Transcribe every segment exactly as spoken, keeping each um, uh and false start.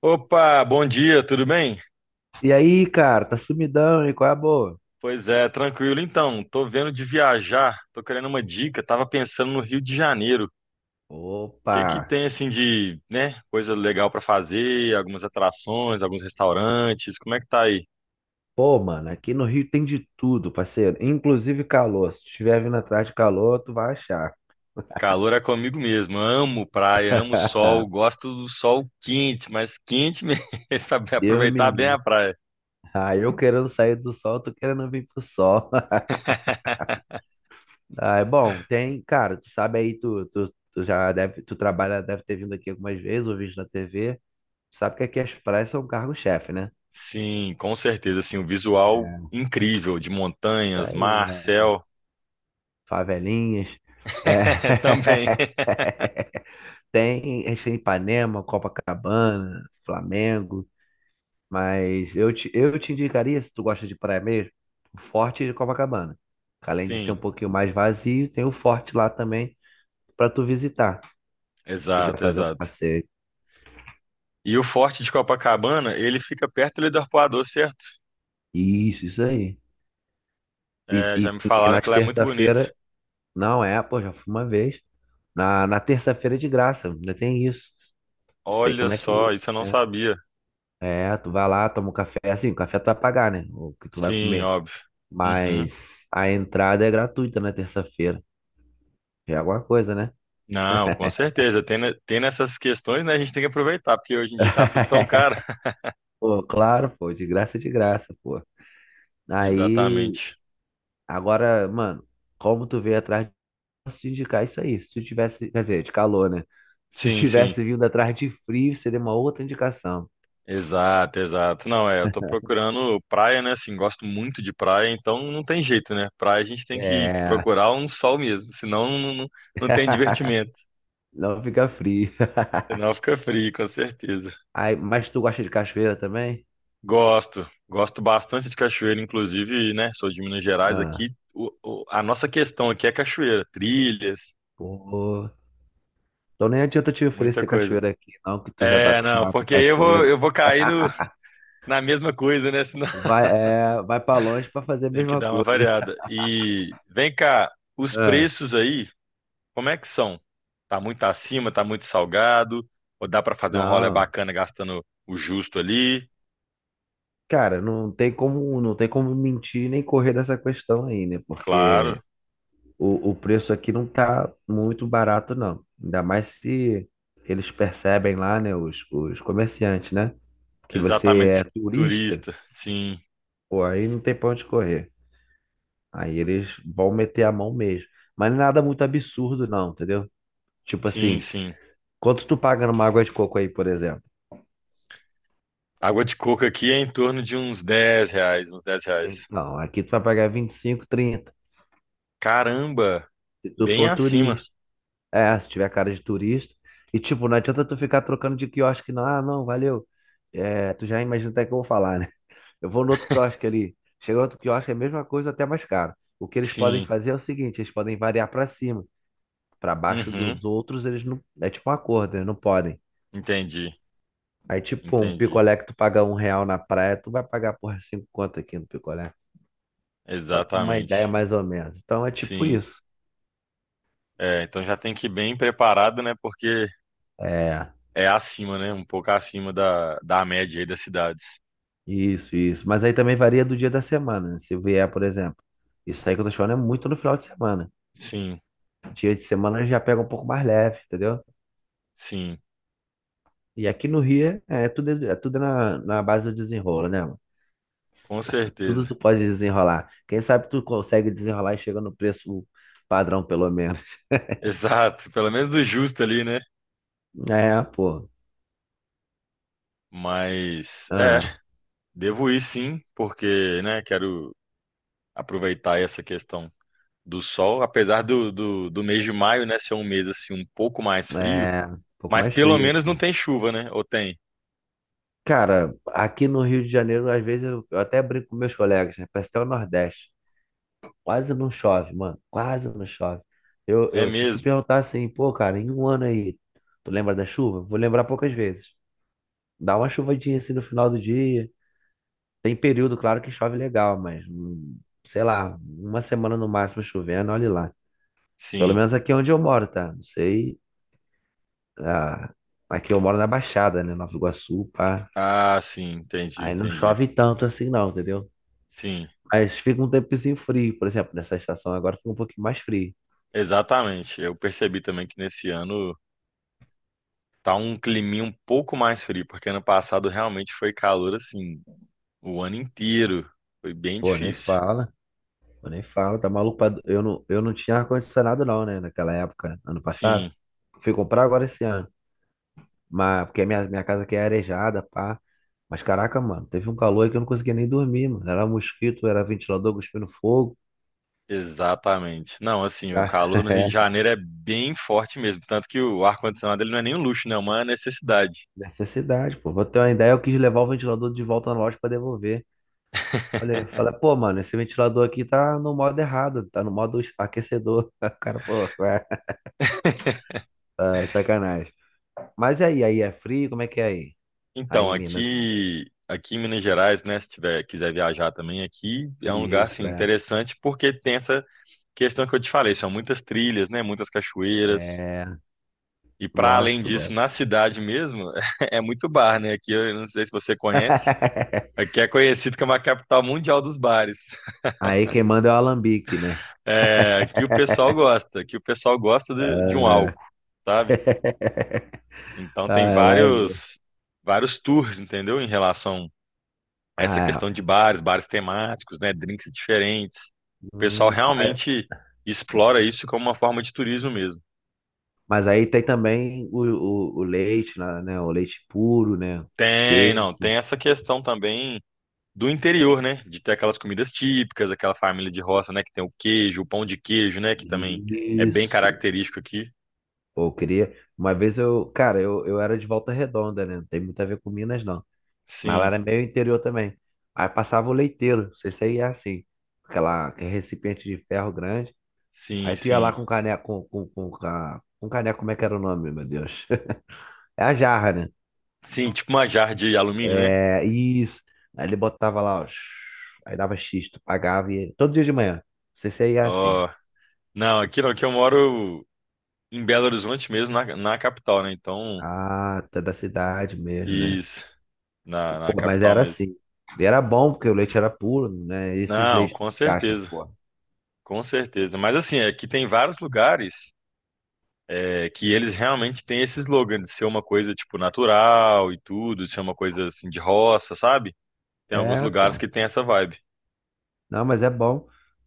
Opa, bom dia, tudo bem? E aí, cara, tá sumidão, e qual é a boa? Pois é, tranquilo então. Tô vendo de viajar, tô querendo uma dica. Tava pensando no Rio de Janeiro. O Opa! que que tem assim de, né, coisa legal pra fazer, algumas atrações, alguns restaurantes. Como é que tá aí? Pô, mano, aqui no Rio tem de tudo, parceiro. Inclusive calor. Se estiver vindo atrás de calor, tu vai achar. Calor é comigo mesmo. Amo praia, amo sol, gosto do sol quente, mas quente mesmo para Deus aproveitar me bem a livre. praia. Ah, eu querendo sair do sol, tu querendo vir pro sol. Ah, é bom, tem, cara, tu sabe aí, tu, tu, tu já deve, tu trabalha, deve ter vindo aqui algumas vezes, ou visto na T V. Tu sabe que aqui as praias são cargo-chefe, né? Sim, com certeza, assim, o visual incrível de Isso montanhas, aí. mar, céu, Favelinhas. também. É. Tem, a gente tem Ipanema, Copacabana, Flamengo, mas eu te, eu te indicaria, se tu gosta de praia mesmo, o Forte de Copacabana. Que Além de ser Sim. um pouquinho mais vazio, tem o Forte lá também para tu visitar, se tu quiser Exato, fazer um exato. passeio. E o Forte de Copacabana, ele fica perto ali do Arpoador, certo? Isso, isso aí. E, É, já e, me e falaram que nas lá é muito bonito. terça-feira, não é, pô, já fui uma vez. Na, na terça-feira é de graça, ainda tem isso. Não sei Olha como é que, só, isso eu não né? sabia. É, tu vai lá, toma um café. Assim, o café tu vai pagar, né? O que tu vai Sim, comer. óbvio. Uhum. Mas a entrada é gratuita na terça-feira. Já é alguma coisa, né? Não, com certeza. Tem, ne- tem nessas questões, né? A gente tem que aproveitar, porque hoje em dia tá tudo tão caro. Pô, claro, pô, de graça, é de graça, pô. Aí, Exatamente. agora, mano, como tu veio atrás, de- posso te indicar isso aí. Se tu tivesse, quer dizer, de calor, né? Se tu Sim, sim. tivesse vindo atrás de frio, seria uma outra indicação. Exato, exato. Não, é, eu tô procurando praia, né? Assim, gosto muito de praia, então não tem jeito, né? Praia a gente tem que É. procurar um sol mesmo, senão não, não, não tem divertimento. Não fica frio. Senão fica frio, com certeza. Aí, mas tu gosta de cachoeira também? Gosto, gosto bastante de cachoeira, inclusive, né? Sou de Minas Gerais Não. aqui. O- o- a nossa questão aqui é cachoeira, trilhas, Pô. Então nem adianta te muita oferecer coisa. cachoeira aqui, não, que tu já tá É, não, acostumado com porque aí eu vou, cachoeira. eu vou cair no, na mesma coisa, né? Senão Vai, é, vai para longe para fazer a tem que mesma dar uma coisa. variada. E vem cá, os É, preços aí, como é que são? Tá muito acima, tá muito salgado? Ou dá pra fazer um rolê não. bacana gastando o justo ali? Cara, não tem como, não tem como mentir nem correr dessa questão aí, né? Porque Claro, o, o preço aqui não tá muito barato, não. Ainda mais se eles percebem lá, né, os, os comerciantes, né? Que você é exatamente turista, turista. Sim, pô, aí não tem pra onde correr. Aí eles vão meter a mão mesmo. Mas nada muito absurdo, não, entendeu? Tipo sim, assim. sim. Quanto tu paga numa água de coco aí, por exemplo? Água de coco aqui é em torno de uns dez reais, uns dez reais. Então, aqui tu vai pagar vinte e cinco, trinta Caramba, se tu bem for acima. turista. É, se tiver cara de turista. E tipo, não adianta tu ficar trocando de quiosque, não. Ah, não, valeu. É, tu já imagina até que eu vou falar, né? Eu vou no outro quiosque ali. Chega outro quiosque, é a mesma coisa, até mais caro. O que eles podem Sim, fazer é o seguinte, eles podem variar pra cima. Pra baixo uhum, dos outros, eles não. É tipo um acordo, eles não podem. entendi, Aí tipo, um entendi. picolé que tu paga um real na praia, tu vai pagar, porra, cinco conto aqui no picolé. Pra ter uma ideia Exatamente. mais ou menos. Então é tipo Sim, isso. é, então já tem que ir bem preparado, né? Porque É, é acima, né? Um pouco acima da, da média aí das cidades. isso, isso. Mas aí também varia do dia da semana, né? Se vier, por exemplo. Isso aí que eu tô te falando é muito no final de semana. Sim, Dia de semana já pega um pouco mais leve, entendeu? sim, E aqui no Rio é, é tudo, é tudo na, na base do desenrolo, né, mano? com Tudo certeza. tu pode desenrolar. Quem sabe tu consegue desenrolar e chega no preço padrão, pelo menos. Exato, pelo menos o justo ali, né? É, pô. Mas é, Ah, devo ir sim, porque, né, quero aproveitar essa questão do sol, apesar do, do, do mês de maio, né, ser um mês assim um pouco mais frio, é um pouco mas mais pelo frio menos não aqui. tem chuva, né? Ou tem? Cara, aqui no Rio de Janeiro, às vezes eu, eu até brinco com meus colegas, né? Parece até o Nordeste. Quase não chove, mano. Quase não chove. Eu, É eu, Se tu mesmo? perguntar assim, pô, cara, em um ano aí, tu lembra da chuva? Vou lembrar poucas vezes. Dá uma chuvadinha assim no final do dia. Tem período, claro, que chove legal, mas hum, sei lá, uma semana no máximo chovendo, olha lá. Pelo Sim. menos aqui onde eu moro, tá? Não sei. Ah, aqui eu moro na Baixada, né? Nova Iguaçu, pá. Ah, sim, entendi, Aí não entendi. chove tanto assim, não, entendeu? Sim, Mas fica um tempozinho frio, por exemplo, nessa estação agora fica um pouquinho mais frio. exatamente. Eu percebi também que nesse ano tá um climinha um pouco mais frio, porque ano passado realmente foi calor assim o ano inteiro. Foi bem Pô, nem difícil. fala, pô, nem fala, tá maluco? pra- Eu não, eu não tinha ar-condicionado não, né, naquela época, ano passado. Sim, Fui comprar agora esse ano, mas porque minha, minha casa aqui é arejada, pá. Mas caraca, mano, teve um calor aí que eu não conseguia nem dormir, mano. Era mosquito, era ventilador cuspindo fogo. exatamente. Não, assim, o Ah, calor no Rio de é, Janeiro é bem forte mesmo, tanto que o ar-condicionado ele não é nem um luxo, né? É uma necessidade. necessidade, pô. Pra ter uma ideia, eu quis levar o ventilador de volta na loja pra devolver. Olha, fala, pô, mano, esse ventilador aqui tá no modo errado, tá no modo aquecedor. O cara, pô, ué, ah, é sacanagem. Mas e aí, aí é frio, como é que é aí? Aí, Então, em Minas. aqui, aqui em Minas Gerais, né, se tiver, quiser viajar também aqui, é um lugar assim Isso, é. interessante porque tem essa questão que eu te falei, são muitas trilhas, né, muitas cachoeiras. É, E para além gosto, disso, gosto. na cidade mesmo, é muito bar, né? Aqui eu não sei se você conhece, aqui é conhecido como a capital mundial dos bares. Aí quem manda é o alambique, né? É, aqui o pessoal gosta, aqui o pessoal gosta de, de um Ah, álcool, sabe? Então ah, tem é maneiro. vários vários tours, entendeu? Em relação essa Ah, é. questão de bares, bares temáticos, né, drinks diferentes. O pessoal Hum, mas, realmente explora isso como uma forma de turismo mesmo. mas aí tem também o, o, o leite, né? né, O leite puro, né? Tem, Queijo. não, tem essa questão também do interior, né, de ter aquelas comidas típicas, aquela família de roça, né, que tem o queijo, o pão de queijo, né, que também é bem Isso. característico aqui. Pô, eu queria. Uma vez eu. Cara, eu, eu era de Volta Redonda, né? Não tem muito a ver com Minas, não. Mas lá Sim, era meio interior também. Aí passava o leiteiro, não sei se aí é assim. Aquela, aquele recipiente de ferro grande. sim, Aí tu ia lá sim. com caneco. Com, com, com, ca- com caneco, como é que era o nome, meu Deus? É a jarra, né? Sim, tipo uma jarra de alumínio, né? É, isso. Aí ele botava lá, ó. Aí dava X, tu pagava e. Todo dia de manhã. Não sei se aí é assim. Ó, não, aqui não, aqui eu moro em Belo Horizonte mesmo, na, na capital, né? Então, Ah, tu é da cidade mesmo, né? isso, na, na Pô, mas capital era mesmo. assim. E era bom, porque o leite era puro, né? Esses Não, leites com de caixa, certeza, pô. com certeza. Mas assim, é que tem vários lugares é, que eles realmente têm esse slogan de ser uma coisa tipo natural e tudo, de ser uma coisa assim de roça, sabe? Tem alguns É, lugares pô. que tem essa vibe. Não, mas é bom.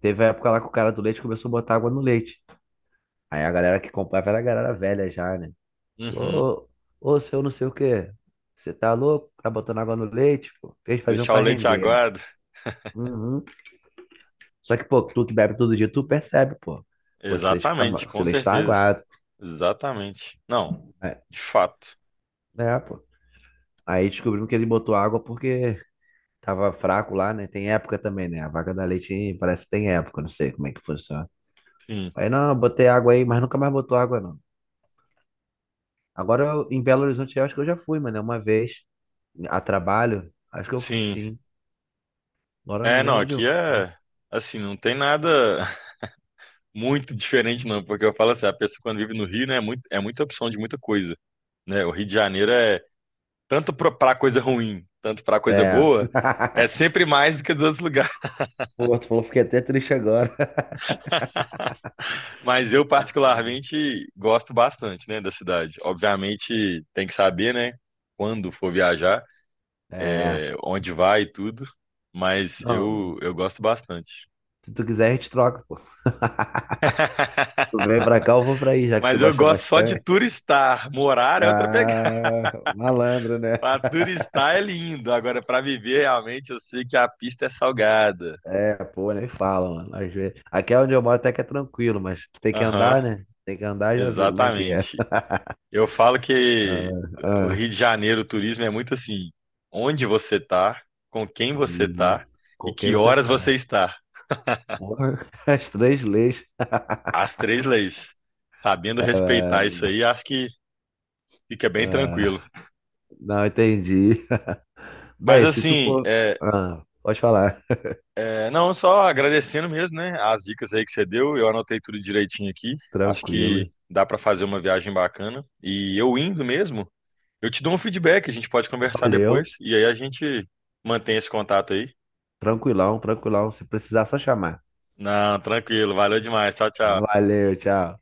Teve a época lá que o cara do leite começou a botar água no leite. Aí a galera que comprava era a galera velha já, né? Uhum. Ô, ô, seu não sei o quê. Você tá louco? Tá botando água no leite, pô. Eles faziam Deixar o pra leite render, né? aguado. Uhum. Só que, pô, tu que bebe todo dia, tu percebe, pô. Pô, esse leite tá, ma- Exatamente, esse com leite tá certeza. aguado. Exatamente. Não, É, de fato. é, pô. Aí descobrimos que ele botou água porque tava fraco lá, né? Tem época também, né? A vaca da leite parece que tem época, não sei como é que funciona. Sim, Aí não, eu botei água aí, mas nunca mais botou água, não. Agora eu- em Belo Horizonte eu acho que eu já fui, mano, uma vez a trabalho, acho que eu fui sim. sim. Agora eu não É, não, lembro onde aqui eu fui. é assim, não tem nada. Muito diferente, não, porque eu falo assim, a pessoa quando vive no Rio, né, é muito, é muita opção de muita coisa, né? O Rio de Janeiro é tanto para coisa ruim, tanto para coisa É. boa, é sempre mais do que dos outros lugares. Pô, tu falou, fiquei até triste agora. Mas eu particularmente gosto bastante, né, da cidade. Obviamente tem que saber, né, quando for viajar, É. é, onde vai e tudo, mas Não, eu eu gosto bastante. se tu quiser a gente troca, pô. Tu vem pra cá, eu vou pra aí, já que tu Mas eu gosta gosto só de bastante. turistar, morar é outra pegada. Ah, malandro, né? Pra turistar é lindo, agora pra viver realmente eu sei que a pista é salgada. É, pô, nem fala, mano. Às vezes. Aqui é onde eu moro até que é tranquilo, mas tu tem que Aham, andar, né? Tem que andar, já viu como é que é. exatamente. Eu falo que Ah, o ah, Rio de Janeiro, o turismo é muito assim, onde você tá, com quem você tá isso. e Com quem que você horas você tá? está. Porra! As três leis. As três leis. Sabendo Ah, respeitar isso aí, acho que fica bem tranquilo. ah. Não entendi. Mas Bem, se tu assim, for. é, Ah, pode falar. É, não, só agradecendo mesmo, né? As dicas aí que você deu, eu anotei tudo direitinho aqui. Acho que Tranquilo. dá para fazer uma viagem bacana. E eu indo mesmo, eu te dou um feedback, a gente pode conversar depois Valeu. e aí a gente mantém esse contato aí. Tranquilão, tranquilão. Se precisar, só chamar. Não, tranquilo, valeu demais. Tchau, tchau. Valeu, tchau.